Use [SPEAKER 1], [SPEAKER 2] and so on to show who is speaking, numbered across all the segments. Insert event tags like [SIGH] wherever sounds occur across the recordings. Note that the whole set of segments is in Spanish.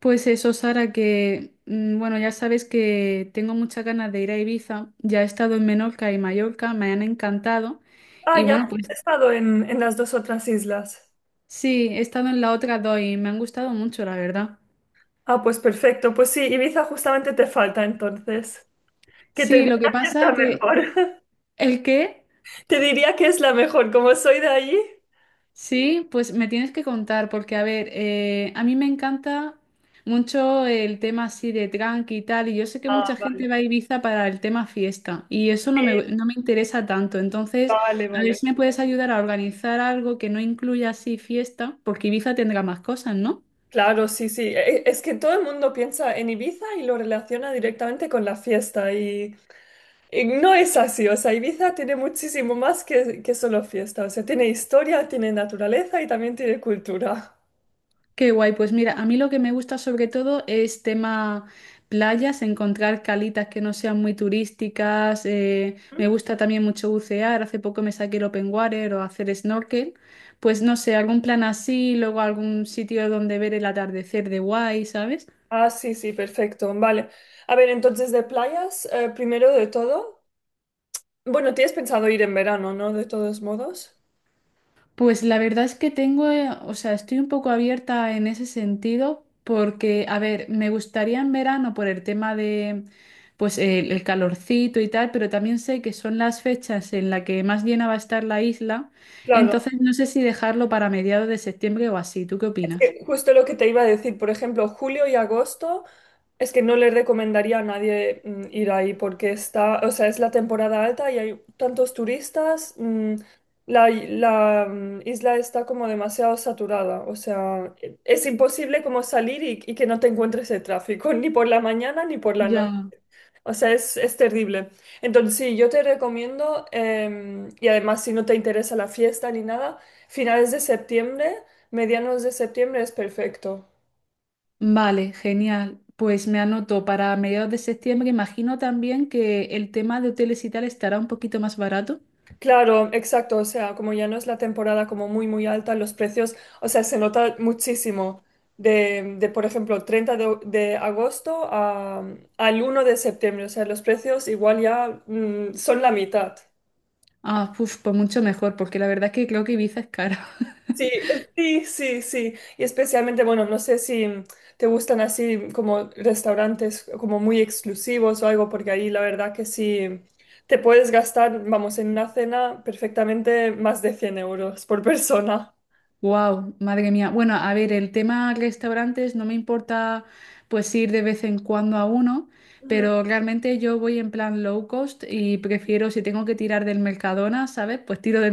[SPEAKER 1] Pues eso, Sara, que bueno, ya sabes que tengo muchas ganas de ir a Ibiza. Ya he estado en Menorca y Mallorca, me han encantado.
[SPEAKER 2] Ah,
[SPEAKER 1] Y
[SPEAKER 2] ya has
[SPEAKER 1] bueno, Sí. Pues
[SPEAKER 2] estado en las dos otras islas.
[SPEAKER 1] sí, he estado en la otra dos y me han gustado mucho, la verdad.
[SPEAKER 2] Ah, pues perfecto. Pues sí, Ibiza justamente te falta entonces. Que te
[SPEAKER 1] Sí,
[SPEAKER 2] diría
[SPEAKER 1] lo que
[SPEAKER 2] que está
[SPEAKER 1] pasa que...
[SPEAKER 2] mejor. [LAUGHS]
[SPEAKER 1] ¿El qué?
[SPEAKER 2] Te diría que es la mejor, como soy de allí.
[SPEAKER 1] Sí, pues me tienes que contar, porque a ver, a mí me encanta mucho el tema así de tranqui y tal, y yo sé que
[SPEAKER 2] Ah,
[SPEAKER 1] mucha
[SPEAKER 2] vale.
[SPEAKER 1] gente va a Ibiza para el tema fiesta, y eso
[SPEAKER 2] Sí,
[SPEAKER 1] no me interesa tanto. Entonces,
[SPEAKER 2] vale,
[SPEAKER 1] a ver
[SPEAKER 2] vale.
[SPEAKER 1] si me puedes ayudar a organizar algo que no incluya así fiesta, porque Ibiza tendrá más cosas, ¿no?
[SPEAKER 2] Claro, sí, sí. Es que todo el mundo piensa en Ibiza y lo relaciona directamente con la fiesta y no es así. O sea, Ibiza tiene muchísimo más que solo fiesta. O sea, tiene historia, tiene naturaleza y también tiene cultura.
[SPEAKER 1] Qué guay, pues mira, a mí lo que me gusta sobre todo es tema playas, encontrar calitas que no sean muy turísticas, me gusta también mucho bucear, hace poco me saqué el open water o hacer snorkel, pues no sé, algún plan así, luego algún sitio donde ver el atardecer de guay, ¿sabes?
[SPEAKER 2] Ah, sí, sí, perfecto. Vale. A ver, entonces de playas, primero de todo. Bueno, tienes pensado ir en verano, ¿no? De todos modos.
[SPEAKER 1] Pues la verdad es que tengo, o sea, estoy un poco abierta en ese sentido porque, a ver, me gustaría en verano por el tema de, pues, el calorcito y tal, pero también sé que son las fechas en las que más llena va a estar la isla,
[SPEAKER 2] Claro,
[SPEAKER 1] entonces no sé si dejarlo para mediados de septiembre o así. ¿Tú qué
[SPEAKER 2] es
[SPEAKER 1] opinas?
[SPEAKER 2] que justo lo que te iba a decir, por ejemplo, julio y agosto, es que no le recomendaría a nadie ir ahí porque está, o sea, es la temporada alta y hay tantos turistas, isla está como demasiado saturada, o sea, es imposible como salir y que no te encuentres el tráfico, [LAUGHS] ni por la mañana ni por la noche.
[SPEAKER 1] Ya.
[SPEAKER 2] O sea, es terrible. Entonces, sí, yo te recomiendo, y además si no te interesa la fiesta ni nada, finales de septiembre, medianos de septiembre es perfecto.
[SPEAKER 1] Vale, genial. Pues me anoto para mediados de septiembre. Imagino también que el tema de hoteles y tal estará un poquito más barato.
[SPEAKER 2] Claro, exacto, o sea, como ya no es la temporada como muy alta, los precios, o sea, se nota muchísimo por ejemplo, 30 de agosto al 1 de septiembre, o sea, los precios igual ya son la mitad.
[SPEAKER 1] Ah, uf, pues mucho mejor, porque la verdad es que creo que Ibiza es caro.
[SPEAKER 2] Sí, sí. Y especialmente, bueno, no sé si te gustan así como restaurantes como muy exclusivos o algo, porque ahí la verdad que sí te puedes gastar, vamos, en una cena perfectamente más de 100 euros por persona.
[SPEAKER 1] Wow, madre mía. Bueno, a ver, el tema restaurantes no me importa pues ir de vez en cuando a uno,
[SPEAKER 2] Ujú.
[SPEAKER 1] pero realmente yo voy en plan low cost y prefiero si tengo que tirar del Mercadona, ¿sabes? Pues tiro del [LAUGHS]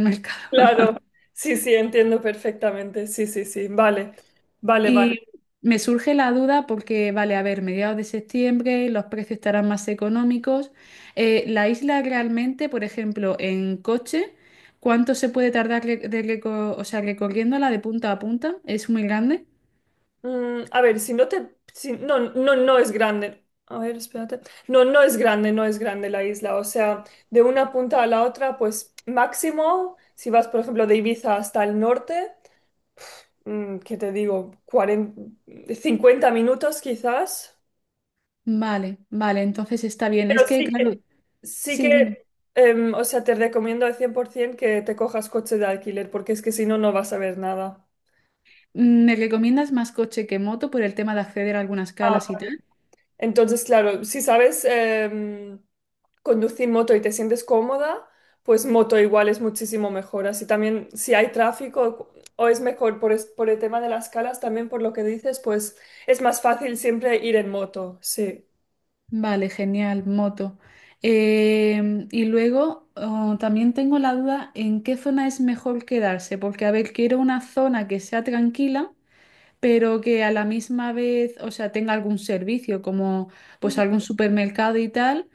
[SPEAKER 2] Claro,
[SPEAKER 1] Mercadona.
[SPEAKER 2] sí, entiendo perfectamente. Sí. Vale, vale.
[SPEAKER 1] Y me surge la duda porque, vale, a ver, mediados de septiembre los precios estarán más económicos. La isla realmente, por ejemplo, en coche, ¿cuánto se puede tardar re- de reco- o sea, recorriéndola de punta a punta? ¿Es muy grande?
[SPEAKER 2] Mm, a ver, si no te... no es grande. A ver, espérate. No, no es grande, no es grande la isla. O sea, de una punta a la otra, pues máximo, si vas, por ejemplo, de Ibiza hasta el norte, mm, ¿qué te digo? 40, 50 minutos quizás.
[SPEAKER 1] Vale, vale, entonces está bien.
[SPEAKER 2] Pero
[SPEAKER 1] Es que, claro,
[SPEAKER 2] sí que,
[SPEAKER 1] sí, dime.
[SPEAKER 2] o sea, te recomiendo al 100% que te cojas coche de alquiler, porque es que si no, no vas a ver nada.
[SPEAKER 1] Mm, ¿me recomiendas más coche que moto por el tema de acceder a algunas
[SPEAKER 2] Ah,
[SPEAKER 1] calas y tal?
[SPEAKER 2] entonces, claro, si sabes conducir moto y te sientes cómoda, pues moto igual es muchísimo mejor. Así también, si hay tráfico o es mejor por, por el tema de las calas, también por lo que dices, pues es más fácil siempre ir en moto, sí.
[SPEAKER 1] Vale, genial, moto. Em, y luego oh, también tengo la duda en qué zona es mejor quedarse, porque a ver, quiero una zona que sea tranquila, pero que a la misma vez, o sea, tenga algún servicio, como pues
[SPEAKER 2] Ujú.
[SPEAKER 1] algún supermercado y tal,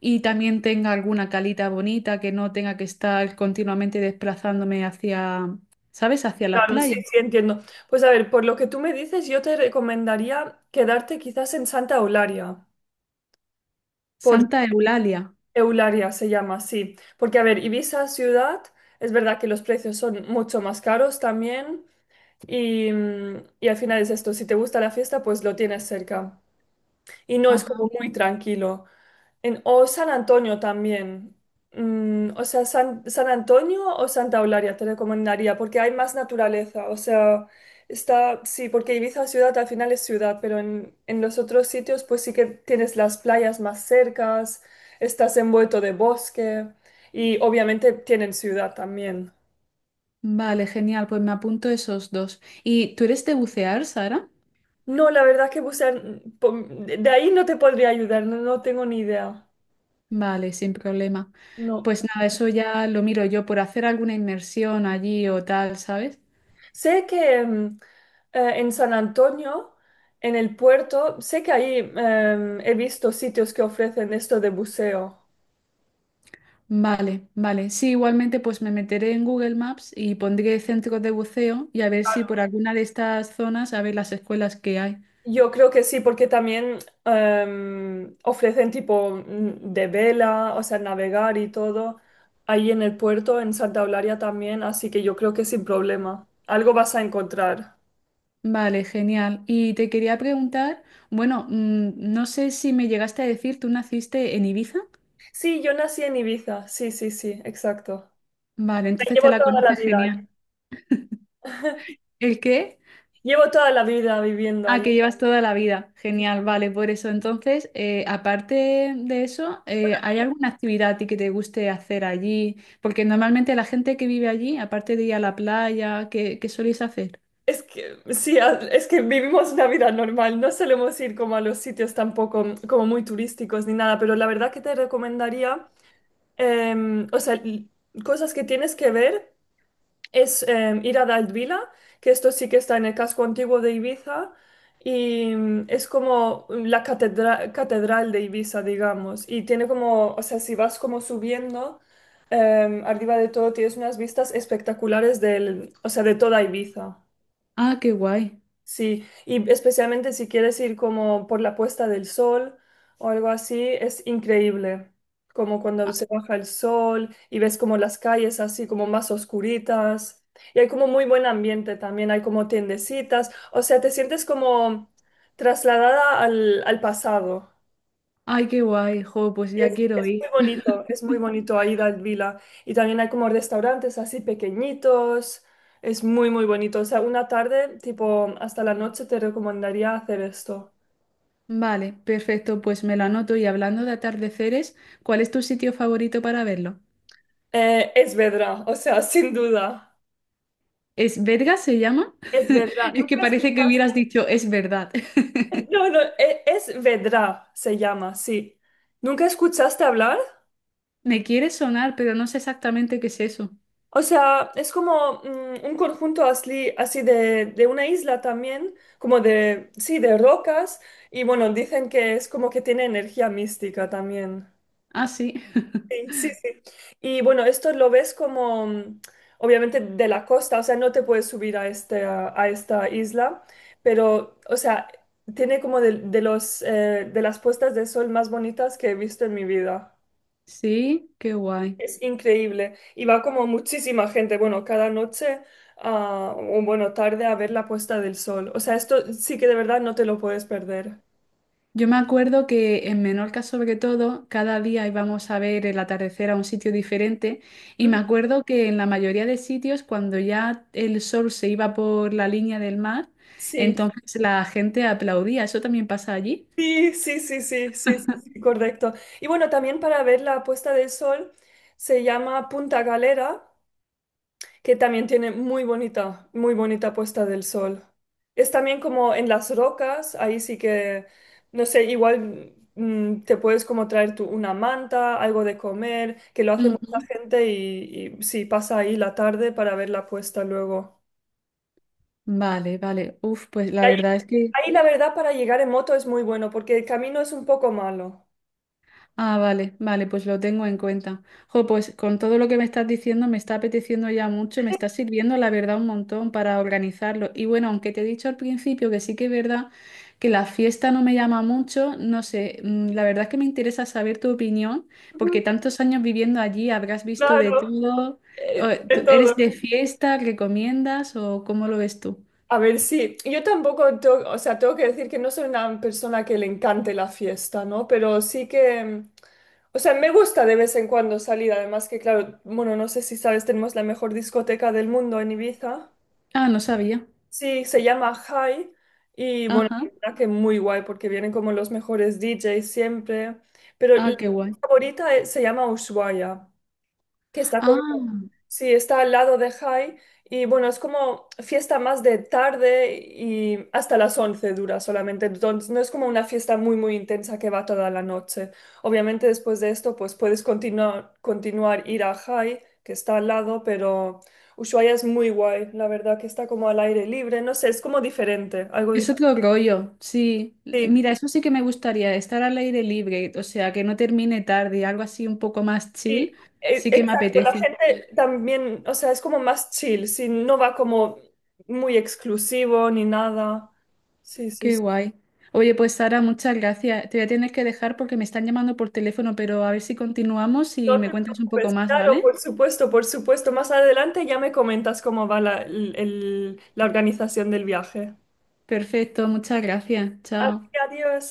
[SPEAKER 1] y también tenga alguna calita bonita, que no tenga que estar continuamente desplazándome hacia, ¿sabes? Hacia las
[SPEAKER 2] Claro,
[SPEAKER 1] playas.
[SPEAKER 2] sí, entiendo. Pues a ver, por lo que tú me dices, yo te recomendaría quedarte quizás en Santa Eulalia, por
[SPEAKER 1] Santa Eulalia.
[SPEAKER 2] Eulalia se llama, sí. Porque a ver, Ibiza ciudad, es verdad que los precios son mucho más caros también. Y, y al final es esto, si te gusta la fiesta, pues lo tienes cerca. Y no es
[SPEAKER 1] Ajá.
[SPEAKER 2] como muy tranquilo. En, o San Antonio también. Mm, o sea, San Antonio o Santa Eulalia te recomendaría porque hay más naturaleza. O sea, está, sí, porque Ibiza ciudad al final es ciudad, pero en los otros sitios pues sí que tienes las playas más cercas, estás envuelto de bosque y obviamente tienen ciudad también.
[SPEAKER 1] Vale, genial, pues me apunto esos dos. ¿Y tú eres de bucear, Sara?
[SPEAKER 2] No, la verdad es que bucear, mm, de ahí no te podría ayudar, no, no tengo ni idea.
[SPEAKER 1] Vale, sin problema.
[SPEAKER 2] No.
[SPEAKER 1] Pues nada, eso ya lo miro yo por hacer alguna inmersión allí o tal, ¿sabes?
[SPEAKER 2] Sé que en San Antonio, en el puerto, sé que ahí he visto sitios que ofrecen esto de buceo.
[SPEAKER 1] Vale, vale. Sí, igualmente pues me meteré en Google Maps y pondré centros de buceo y a ver si por alguna de estas zonas, a ver las escuelas que hay.
[SPEAKER 2] Yo creo que sí, porque también ofrecen tipo de vela, o sea, navegar y todo, ahí en el puerto, en Santa Eulalia también, así que yo creo que sin problema. Algo vas a encontrar.
[SPEAKER 1] Vale, genial. Y te quería preguntar, bueno, no sé si me llegaste a decir, ¿tú naciste en Ibiza?
[SPEAKER 2] Sí, yo nací en Ibiza, sí, exacto.
[SPEAKER 1] Vale,
[SPEAKER 2] La
[SPEAKER 1] entonces te
[SPEAKER 2] llevo
[SPEAKER 1] la
[SPEAKER 2] toda la
[SPEAKER 1] conoces
[SPEAKER 2] vida ahí.
[SPEAKER 1] genial. ¿El qué?
[SPEAKER 2] Llevo toda la vida viviendo
[SPEAKER 1] Ah,
[SPEAKER 2] ahí.
[SPEAKER 1] que llevas toda la vida. Genial, vale, por eso. Entonces, aparte de eso, ¿hay alguna actividad a ti que te guste hacer allí? Porque normalmente la gente que vive allí, aparte de ir a la playa, ¿qué soléis hacer?
[SPEAKER 2] Es que, sí, es que vivimos una vida normal. No solemos ir como a los sitios tampoco como muy turísticos ni nada, pero la verdad que te recomendaría, em, o sea, l- cosas que tienes que ver. Es ir a Daldvila, que esto sí que está en el casco antiguo de Ibiza, y mm, es como catedral de Ibiza, digamos, y tiene como, o sea, si vas como subiendo, arriba de todo tienes unas vistas espectaculares del, o sea, de toda Ibiza.
[SPEAKER 1] Ah, qué guay.
[SPEAKER 2] Sí, y especialmente si quieres ir como por la puesta del sol o algo así, es increíble. Como cuando se baja el sol y ves como las calles así como más oscuritas. Y hay como muy buen ambiente también, hay como tiendecitas. O sea, te sientes como trasladada al pasado.
[SPEAKER 1] Ay, qué guay. Jo, pues ya quiero ir.
[SPEAKER 2] Es muy bonito ahí la vila. Y también hay como restaurantes así pequeñitos. Es muy, muy bonito. O sea, una tarde, tipo, hasta la noche te recomendaría hacer esto.
[SPEAKER 1] Vale, perfecto, pues me lo anoto. Y hablando de atardeceres, ¿cuál es tu sitio favorito para verlo?
[SPEAKER 2] Es Vedra, o sea, [LAUGHS] sin duda.
[SPEAKER 1] ¿Es Vergas se llama?
[SPEAKER 2] Es Vedra.
[SPEAKER 1] [LAUGHS] Es que
[SPEAKER 2] ¿Nunca
[SPEAKER 1] parece que
[SPEAKER 2] escuchaste?
[SPEAKER 1] hubieras
[SPEAKER 2] [LAUGHS]
[SPEAKER 1] dicho, es verdad. [LAUGHS]
[SPEAKER 2] No, no, es Vedra, se llama, sí. ¿Nunca escuchaste hablar?
[SPEAKER 1] Me quiere sonar, pero no sé exactamente qué es eso.
[SPEAKER 2] O sea, es como mm, un conjunto así, de una isla también, como de, sí, de rocas, y bueno, dicen que es como que tiene energía mística también.
[SPEAKER 1] Ah, sí. [LAUGHS]
[SPEAKER 2] Sí, sí. Y bueno, esto lo ves como, obviamente, de la costa, o sea, no te puedes subir a esta isla, pero, o sea, tiene como de las puestas de sol más bonitas que he visto en mi vida.
[SPEAKER 1] Sí, qué guay.
[SPEAKER 2] Es increíble. Y va como muchísima gente, bueno, cada noche o bueno, tarde a ver la puesta del sol. O sea, esto sí que de verdad no te lo puedes perder.
[SPEAKER 1] Yo me acuerdo que en Menorca, sobre todo, cada día íbamos a ver el atardecer a un sitio diferente y me
[SPEAKER 2] Ujú.
[SPEAKER 1] acuerdo que en la mayoría de sitios, cuando ya el sol se iba por la línea del mar,
[SPEAKER 2] Sí,
[SPEAKER 1] entonces la gente aplaudía. ¿Eso también pasa allí?
[SPEAKER 2] sí, sí, sí, sí, sí, sí, sí, correcto. Y bueno, también para ver la puesta del sol se llama Punta Galera, que también tiene muy bonita puesta del sol. Es también como en las rocas, ahí sí que, no sé, igual te puedes como traer tú una manta, algo de comer, que lo hace mucha
[SPEAKER 1] Ujú.
[SPEAKER 2] gente y sí, pasa ahí la tarde para ver la puesta luego.
[SPEAKER 1] Vale, vale. Uf, pues
[SPEAKER 2] Y
[SPEAKER 1] la verdad es que...
[SPEAKER 2] ahí la verdad para llegar en moto es muy bueno porque el camino es un poco malo.
[SPEAKER 1] Ah, vale, vale, pues lo tengo en cuenta. Jo, pues con todo lo que me estás diciendo me está apeteciendo ya mucho, me está sirviendo la verdad un montón para organizarlo. Y bueno, aunque te he dicho al principio que sí que es verdad que la fiesta no me llama mucho, no sé, la verdad es que me interesa saber tu opinión,
[SPEAKER 2] Ujú.
[SPEAKER 1] porque tantos años viviendo allí habrás visto de
[SPEAKER 2] Claro,
[SPEAKER 1] todo. O,
[SPEAKER 2] de
[SPEAKER 1] ¿tú
[SPEAKER 2] todo.
[SPEAKER 1] ¿eres de fiesta? ¿Recomiendas o cómo lo ves tú?
[SPEAKER 2] A ver, sí, yo tampoco, o sea, tengo que decir que no soy una persona que le encante la fiesta, ¿no? Pero sí que, mm, o sea, me gusta de vez en cuando salir, además que, claro, bueno, no sé si sabes, tenemos la mejor discoteca del mundo en Ibiza.
[SPEAKER 1] Ah, no sabía.
[SPEAKER 2] Sí, se llama High y, bueno,
[SPEAKER 1] Ajá.
[SPEAKER 2] la verdad que muy guay porque vienen como los mejores DJs siempre, pero la
[SPEAKER 1] Ah, qué guay.
[SPEAKER 2] favorita se llama Ushuaia, que está como,
[SPEAKER 1] Ah.
[SPEAKER 2] sí, está al lado de High y bueno, es como fiesta más de tarde y hasta las 11 dura solamente, entonces no es como una fiesta muy, muy intensa que va toda la noche. Obviamente después de esto, pues puedes continuar, continuar ir a High, que está al lado, pero Ushuaia es muy guay, la verdad, que está como al aire libre, no sé, es como diferente, algo
[SPEAKER 1] Es otro rollo, sí.
[SPEAKER 2] diferente.
[SPEAKER 1] Mira, eso sí que me gustaría, estar al aire libre, o sea, que no termine tarde, algo así un poco más
[SPEAKER 2] Sí,
[SPEAKER 1] chill, sí que me
[SPEAKER 2] exacto, la
[SPEAKER 1] apetece.
[SPEAKER 2] gente también, o sea, es como más chill, sí, no va como muy exclusivo ni nada. Sí,
[SPEAKER 1] Qué
[SPEAKER 2] sí.
[SPEAKER 1] guay. Oye, pues Sara, muchas gracias. Te voy a tener que dejar porque me están llamando por teléfono, pero a ver si continuamos y
[SPEAKER 2] No
[SPEAKER 1] me
[SPEAKER 2] te
[SPEAKER 1] cuentas un poco
[SPEAKER 2] preocupes,
[SPEAKER 1] más,
[SPEAKER 2] claro,
[SPEAKER 1] ¿vale?
[SPEAKER 2] por supuesto, por supuesto. Más adelante ya me comentas cómo va la organización del viaje.
[SPEAKER 1] Perfecto, muchas gracias.
[SPEAKER 2] Así
[SPEAKER 1] Chao.
[SPEAKER 2] que adiós.